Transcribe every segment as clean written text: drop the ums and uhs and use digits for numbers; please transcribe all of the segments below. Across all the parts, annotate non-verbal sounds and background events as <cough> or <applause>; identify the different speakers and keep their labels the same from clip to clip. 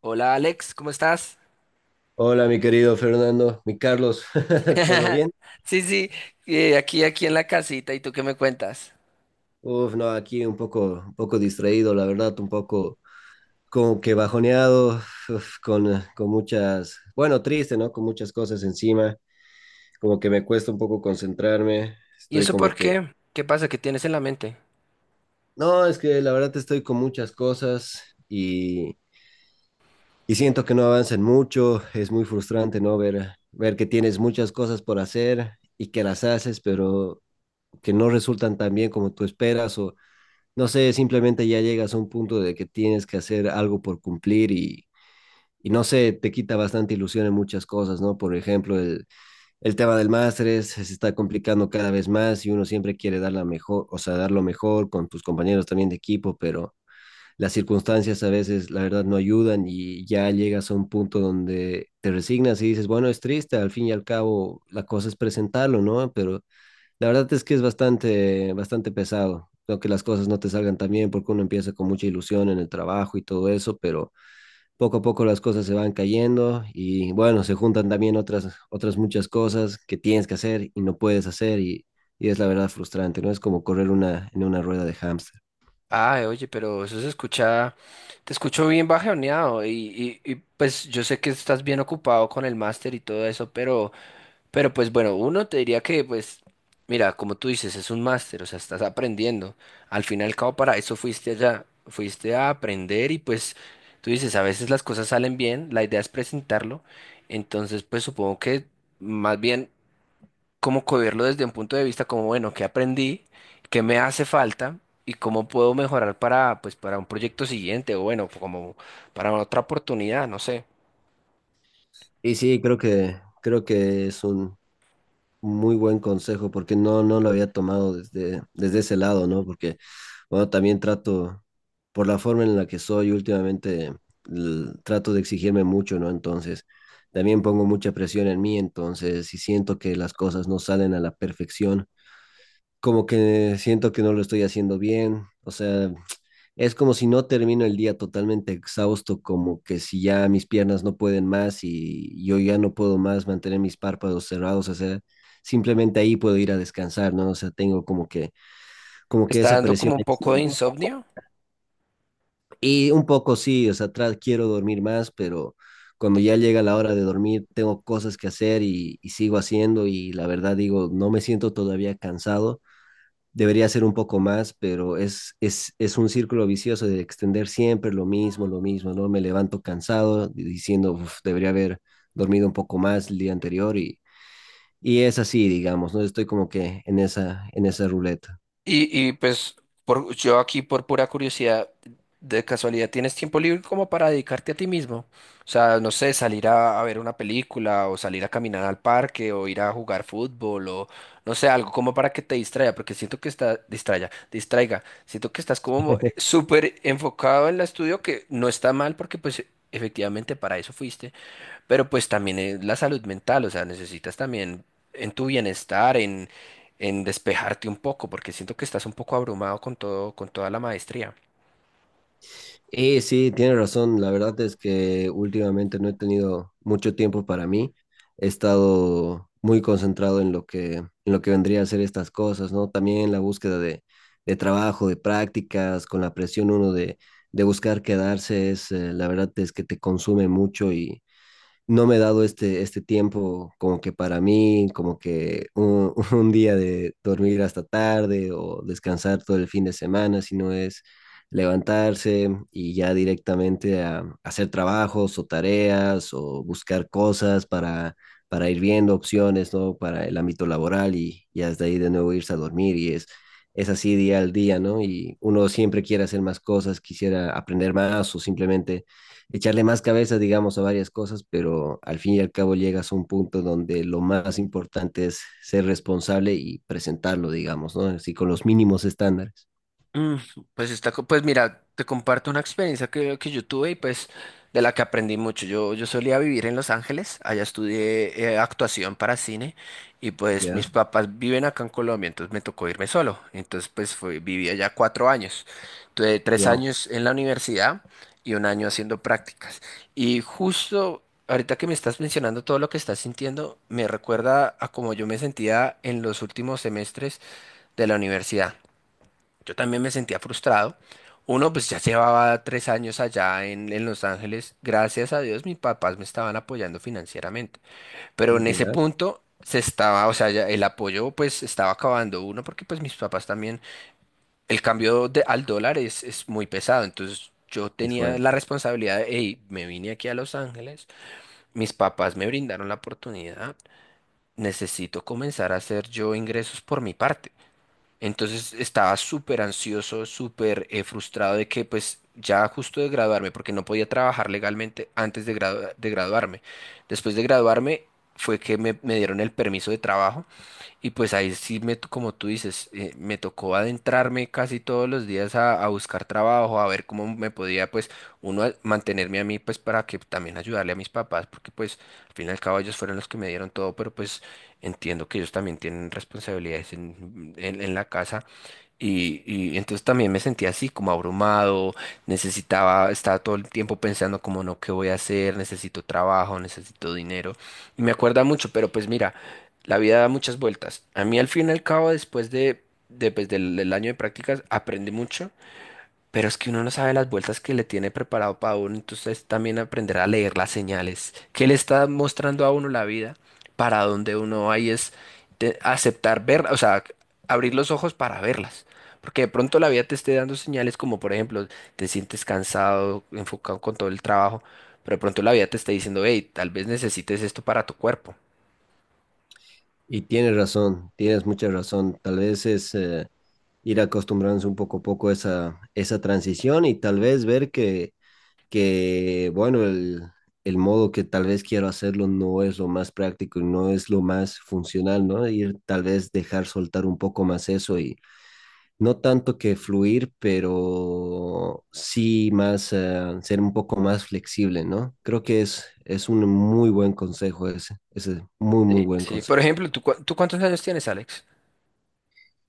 Speaker 1: Hola Alex, ¿cómo estás?
Speaker 2: Hola, mi querido Fernando, mi Carlos, <laughs> ¿todo
Speaker 1: <laughs>
Speaker 2: bien?
Speaker 1: Sí, sí, aquí en la casita, ¿y tú qué me cuentas?
Speaker 2: Uf, no, aquí un poco distraído, la verdad, un poco como que bajoneado, uf, con muchas, bueno, triste, ¿no? Con muchas cosas encima, como que me cuesta un poco concentrarme,
Speaker 1: ¿Y
Speaker 2: estoy
Speaker 1: eso por
Speaker 2: como que,
Speaker 1: qué? ¿Qué pasa? ¿Qué tienes en la mente?
Speaker 2: no, es que la verdad estoy con muchas cosas y, y siento que no avanzan mucho, es muy frustrante, ¿no? Ver, ver que tienes muchas cosas por hacer y que las haces, pero que no resultan tan bien como tú esperas o no sé, simplemente ya llegas a un punto de que tienes que hacer algo por cumplir y no sé, te quita bastante ilusión en muchas cosas, ¿no? Por ejemplo, el tema del máster se está complicando cada vez más y uno siempre quiere dar la mejor, o sea, dar lo mejor con tus compañeros también de equipo, pero las circunstancias a veces, la verdad, no ayudan y ya llegas a un punto donde te resignas y dices, bueno, es triste, al fin y al cabo la cosa es presentarlo, ¿no? Pero la verdad es que es bastante, bastante pesado. Creo que las cosas no te salgan tan bien porque uno empieza con mucha ilusión en el trabajo y todo eso, pero poco a poco las cosas se van cayendo y bueno, se juntan también otras, otras muchas cosas que tienes que hacer y no puedes hacer y es la verdad frustrante, ¿no? Es como correr una, en una rueda de hámster.
Speaker 1: Ah, oye, pero eso se escucha, te escucho bien bajoneado y pues yo sé que estás bien ocupado con el máster y todo eso, pero pues bueno, uno te diría que pues, mira, como tú dices, es un máster, o sea, estás aprendiendo. Al fin y al cabo, para eso fuiste allá, fuiste a aprender y pues tú dices, a veces las cosas salen bien, la idea es presentarlo, entonces pues supongo que más bien cómo cogerlo desde un punto de vista como, bueno, qué aprendí, qué me hace falta y cómo puedo mejorar para, pues, para un proyecto siguiente o bueno, como para otra oportunidad, no sé.
Speaker 2: Y sí, creo que es un, muy buen consejo, porque no, no lo había tomado desde, desde ese lado, ¿no? Porque, bueno, también trato, por la forma en la que soy últimamente, trato de exigirme mucho, ¿no? Entonces, también pongo mucha presión en mí, entonces, si siento que las cosas no salen a la perfección, como que siento que no lo estoy haciendo bien, o sea, es como si no termino el día totalmente exhausto, como que si ya mis piernas no pueden más y yo ya no puedo más mantener mis párpados cerrados, o sea, simplemente ahí puedo ir a descansar, ¿no? O sea, tengo como que
Speaker 1: ¿Está
Speaker 2: esa
Speaker 1: dando
Speaker 2: presión.
Speaker 1: como un poco de insomnio?
Speaker 2: Y un poco sí, o sea, atrás quiero dormir más, pero cuando ya llega la hora de dormir, tengo cosas que hacer y sigo haciendo y la verdad digo, no me siento todavía cansado, debería ser un poco más, pero es un círculo vicioso de extender siempre lo mismo, ¿no? Me levanto cansado diciendo, uf, debería haber dormido un poco más el día anterior y es así, digamos, ¿no? Estoy como que en esa ruleta.
Speaker 1: Y pues por, yo aquí por pura curiosidad, de casualidad, ¿tienes tiempo libre como para dedicarte a ti mismo? O sea, no sé, salir a ver una película o salir a caminar al parque o ir a jugar fútbol o no sé, algo como para que te distraiga, porque siento que está, distraiga, distraiga, siento que estás como súper enfocado en el estudio que no está mal porque pues efectivamente para eso fuiste, pero pues también es la salud mental, o sea, necesitas también en tu bienestar, en despejarte un poco, porque siento que estás un poco abrumado con todo, con toda la maestría.
Speaker 2: Y sí, tiene razón. La verdad es que últimamente no he tenido mucho tiempo para mí. He estado muy concentrado en lo que vendría a ser estas cosas, ¿no? También la búsqueda de trabajo, de prácticas, con la presión uno de buscar quedarse, es, la verdad es que te consume mucho y, no me he dado este, este tiempo como que para mí, como que un, <laughs> un día de dormir hasta tarde o descansar todo el fin de semana, sino es levantarse y ya directamente a, hacer trabajos o tareas o buscar cosas para ir viendo opciones, ¿no? Para el ámbito laboral y ya desde ahí de nuevo irse a dormir y es así día al día, ¿no? Y uno siempre quiere hacer más cosas, quisiera aprender más o simplemente echarle más cabeza, digamos, a varias cosas, pero al fin y al cabo llegas a un punto donde lo más importante es ser responsable y presentarlo, digamos, ¿no? Así con los mínimos estándares.
Speaker 1: Mm. Pues está, co- pues mira, te comparto una experiencia que yo tuve y pues de la que aprendí mucho. Yo solía vivir en Los Ángeles, allá estudié actuación para cine y pues mis
Speaker 2: Ya,
Speaker 1: papás viven acá en Colombia, entonces me tocó irme solo. Entonces pues fue, viví allá 4 años. Tuve tres
Speaker 2: wow,
Speaker 1: años en la universidad y un año haciendo prácticas. Y justo ahorita que me estás mencionando todo lo que estás sintiendo, me recuerda a cómo yo me sentía en los últimos semestres de la universidad. Yo también me sentía frustrado. Uno, pues ya llevaba 3 años allá en Los Ángeles. Gracias a Dios, mis papás me estaban apoyando financieramente. Pero en ese
Speaker 2: ya,
Speaker 1: punto se estaba, o sea, ya el apoyo pues estaba acabando uno porque pues mis papás también, el cambio de- al dólar es muy pesado. Entonces yo
Speaker 2: es
Speaker 1: tenía
Speaker 2: fuerte.
Speaker 1: la responsabilidad de, hey, me vine aquí a Los Ángeles, mis papás me brindaron la oportunidad, necesito comenzar a hacer yo ingresos por mi parte. Entonces estaba súper ansioso, súper frustrado de que pues ya justo de graduarme, porque no podía trabajar legalmente antes de, gradua- de graduarme. Después de graduarme fue que me dieron el permiso de trabajo y pues ahí sí, me, t- como tú dices, me tocó adentrarme casi todos los días a buscar trabajo, a ver cómo me podía, pues, uno a- mantenerme a mí, pues, para que también ayudarle a mis papás, porque pues, al fin y al cabo ellos fueron los que me dieron todo, pero pues entiendo que ellos también tienen responsabilidades en, en la casa. Y entonces también me sentía así, como abrumado, necesitaba, estaba todo el tiempo pensando como no, ¿qué voy a hacer? Necesito trabajo, necesito dinero. Y me acuerda mucho, pero pues mira. La vida da muchas vueltas. A mí al fin y al cabo, después de, pues, del, del año de prácticas, aprendí mucho, pero es que uno no sabe las vueltas que le tiene preparado para uno, entonces también aprender a leer las señales que le está mostrando a uno la vida, para donde uno va y es de- aceptar ver, o sea, abrir los ojos para verlas. Porque de pronto la vida te esté dando señales como, por ejemplo, te sientes cansado, enfocado con todo el trabajo, pero de pronto la vida te está diciendo, hey, tal vez necesites esto para tu cuerpo.
Speaker 2: Y tienes razón, tienes mucha razón. Tal vez es ir acostumbrándose un poco a poco a esa, esa transición y tal vez ver que, bueno, el modo que tal vez quiero hacerlo no es lo más práctico y no es lo más funcional, ¿no? Ir tal vez dejar soltar un poco más eso y no tanto que fluir, pero sí más ser un poco más flexible, ¿no? Creo que es un muy buen consejo ese, ese muy, muy
Speaker 1: Sí,
Speaker 2: buen
Speaker 1: sí.
Speaker 2: consejo.
Speaker 1: Por ejemplo, ¿tú, cua- tú cuántos años tienes, Alex?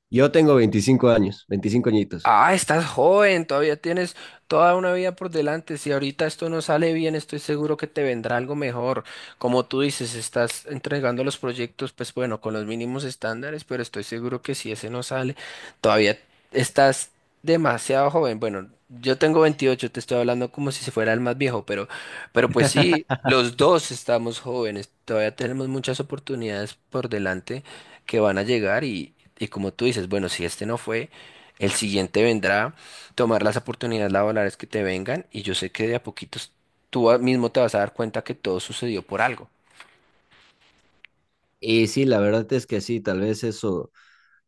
Speaker 2: Yo tengo 25 años, 25 añitos.
Speaker 1: Ah, estás joven, todavía tienes toda una vida por delante. Si ahorita esto no sale bien, estoy seguro que te vendrá algo mejor. Como tú dices, estás entregando los proyectos, pues bueno, con los mínimos estándares, pero estoy seguro que si ese no sale, todavía estás demasiado joven. Bueno, yo tengo 28, te estoy hablando como si se fuera el más viejo, pero pues sí, los dos estamos jóvenes, todavía tenemos muchas oportunidades por delante que van a llegar y como tú dices, bueno, si este no fue. El siguiente vendrá, tomar las oportunidades laborales que te vengan y yo sé que de a poquitos tú a- mismo te vas a dar cuenta que todo sucedió por algo.
Speaker 2: Y sí, la verdad es que sí, tal vez eso,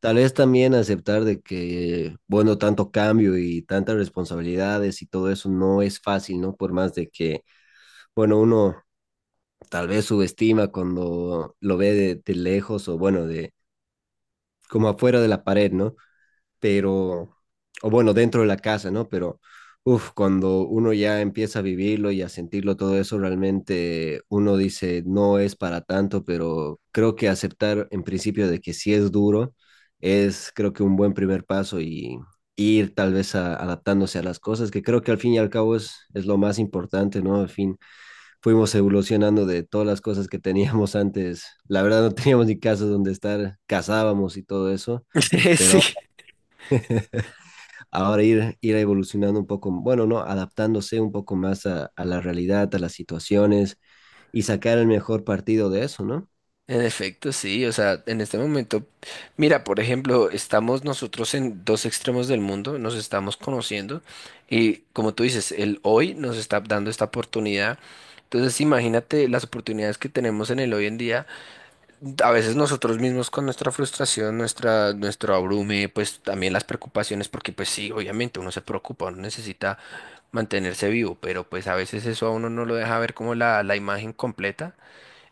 Speaker 2: tal vez también aceptar de que, bueno, tanto cambio y tantas responsabilidades y todo eso no es fácil, ¿no? Por más de que, bueno, uno tal vez subestima cuando lo ve de lejos o, bueno, de como afuera de la pared, ¿no? Pero, o bueno, dentro de la casa, ¿no? Pero, uff, cuando uno ya empieza a vivirlo y a sentirlo todo eso, realmente uno dice, no es para tanto, pero creo que aceptar en principio de que sí es duro es, creo que un buen primer paso y ir tal vez adaptándose a las cosas, que creo que al fin y al cabo es lo más importante, ¿no? Al fin fuimos evolucionando de todas las cosas que teníamos antes. La verdad no teníamos ni casas donde estar, cazábamos y todo eso,
Speaker 1: <laughs>
Speaker 2: pero
Speaker 1: Sí.
Speaker 2: ahora ir, ir evolucionando un poco, bueno, ¿no? Adaptándose un poco más a la realidad, a las situaciones y sacar el mejor partido de eso, ¿no?
Speaker 1: En efecto, sí, o sea, en este momento, mira, por ejemplo, estamos nosotros en dos extremos del mundo, nos estamos conociendo y como tú dices, el hoy nos está dando esta oportunidad. Entonces, imagínate las oportunidades que tenemos en el hoy en día. A veces nosotros mismos con nuestra frustración, nuestra, nuestro abrume, pues también las preocupaciones, porque pues sí, obviamente uno se preocupa, uno necesita mantenerse vivo, pero pues a veces eso a uno no lo deja ver como la imagen completa.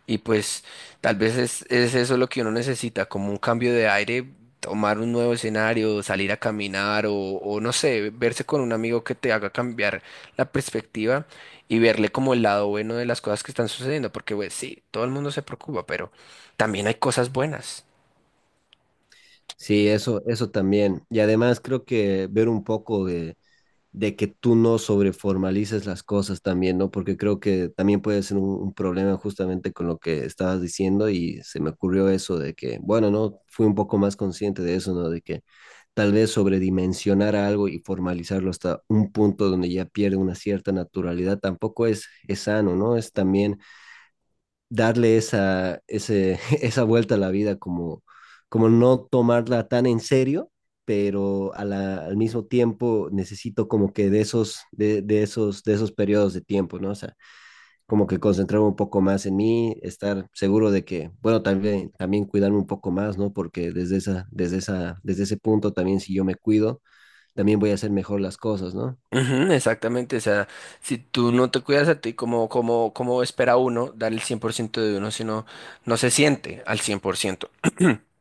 Speaker 1: Y pues tal vez es eso lo que uno necesita, como un cambio de aire, tomar un nuevo escenario, salir a caminar o no sé, verse con un amigo que te haga cambiar la perspectiva y verle como el lado bueno de las cosas que están sucediendo, porque pues sí, todo el mundo se preocupa, pero también hay cosas buenas.
Speaker 2: Sí, eso también. Y además creo que ver un poco de que tú no sobreformalices las cosas también, ¿no? Porque creo que también puede ser un problema justamente con lo que estabas diciendo y se me ocurrió eso de que, bueno, no, fui un poco más consciente de eso, ¿no? De que tal vez sobredimensionar algo y formalizarlo hasta un punto donde ya pierde una cierta naturalidad tampoco es, es sano, ¿no? Es también darle esa, ese, <laughs> esa vuelta a la vida, como, como no tomarla tan en serio, pero a al mismo tiempo necesito como que de esos periodos de tiempo, ¿no? O sea, como que concentrarme un poco más en mí, estar seguro de que, bueno, también, también cuidarme un poco más, ¿no? Porque desde esa, desde esa, desde ese punto también si yo me cuido, también voy a hacer mejor las cosas, ¿no?
Speaker 1: Ujú, exactamente, o sea, si tú no te cuidas a ti, como, como, como espera uno dar el 100% de uno si no, no se siente al 100%. <clears throat>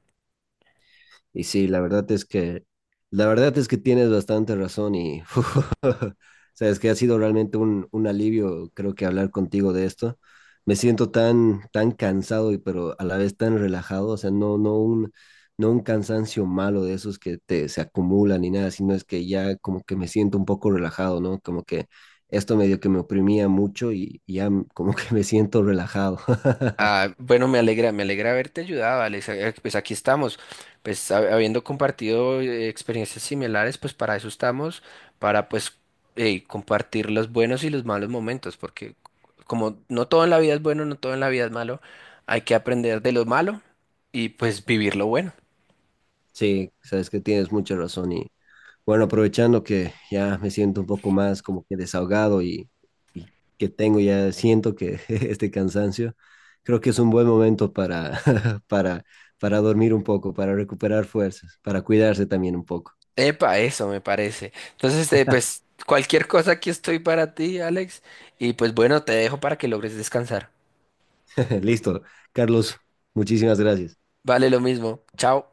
Speaker 2: Y sí, la verdad es que, la verdad es que tienes bastante razón y <laughs> sabes que ha sido realmente un alivio, creo que hablar contigo de esto. Me siento tan, tan cansado y pero a la vez tan relajado, o sea, no, no un, no un cansancio malo de esos que te, se acumulan ni nada, sino es que ya como que me siento un poco relajado, ¿no? Como que esto medio que me oprimía mucho y ya como que me siento relajado. <laughs>
Speaker 1: Ah, bueno, me alegra haberte ayudado, Alex. Pues aquí estamos, pues hab- habiendo compartido experiencias similares, pues para eso estamos, para pues compartir los buenos y los malos momentos, porque como no todo en la vida es bueno, no todo en la vida es malo, hay que aprender de lo malo y pues vivir lo bueno.
Speaker 2: Sí, sabes que tienes mucha razón y bueno, aprovechando que ya me siento un poco más como que desahogado y que tengo ya, siento que <laughs> este cansancio, creo que es un buen momento para, <laughs> para, para dormir un poco, para recuperar fuerzas, para cuidarse también un poco.
Speaker 1: Epa, eso me parece. Entonces, pues cualquier cosa aquí estoy para ti, Alex, y pues bueno, te dejo para que logres descansar.
Speaker 2: <laughs> Listo, Carlos, muchísimas gracias.
Speaker 1: Vale, lo mismo. Chao.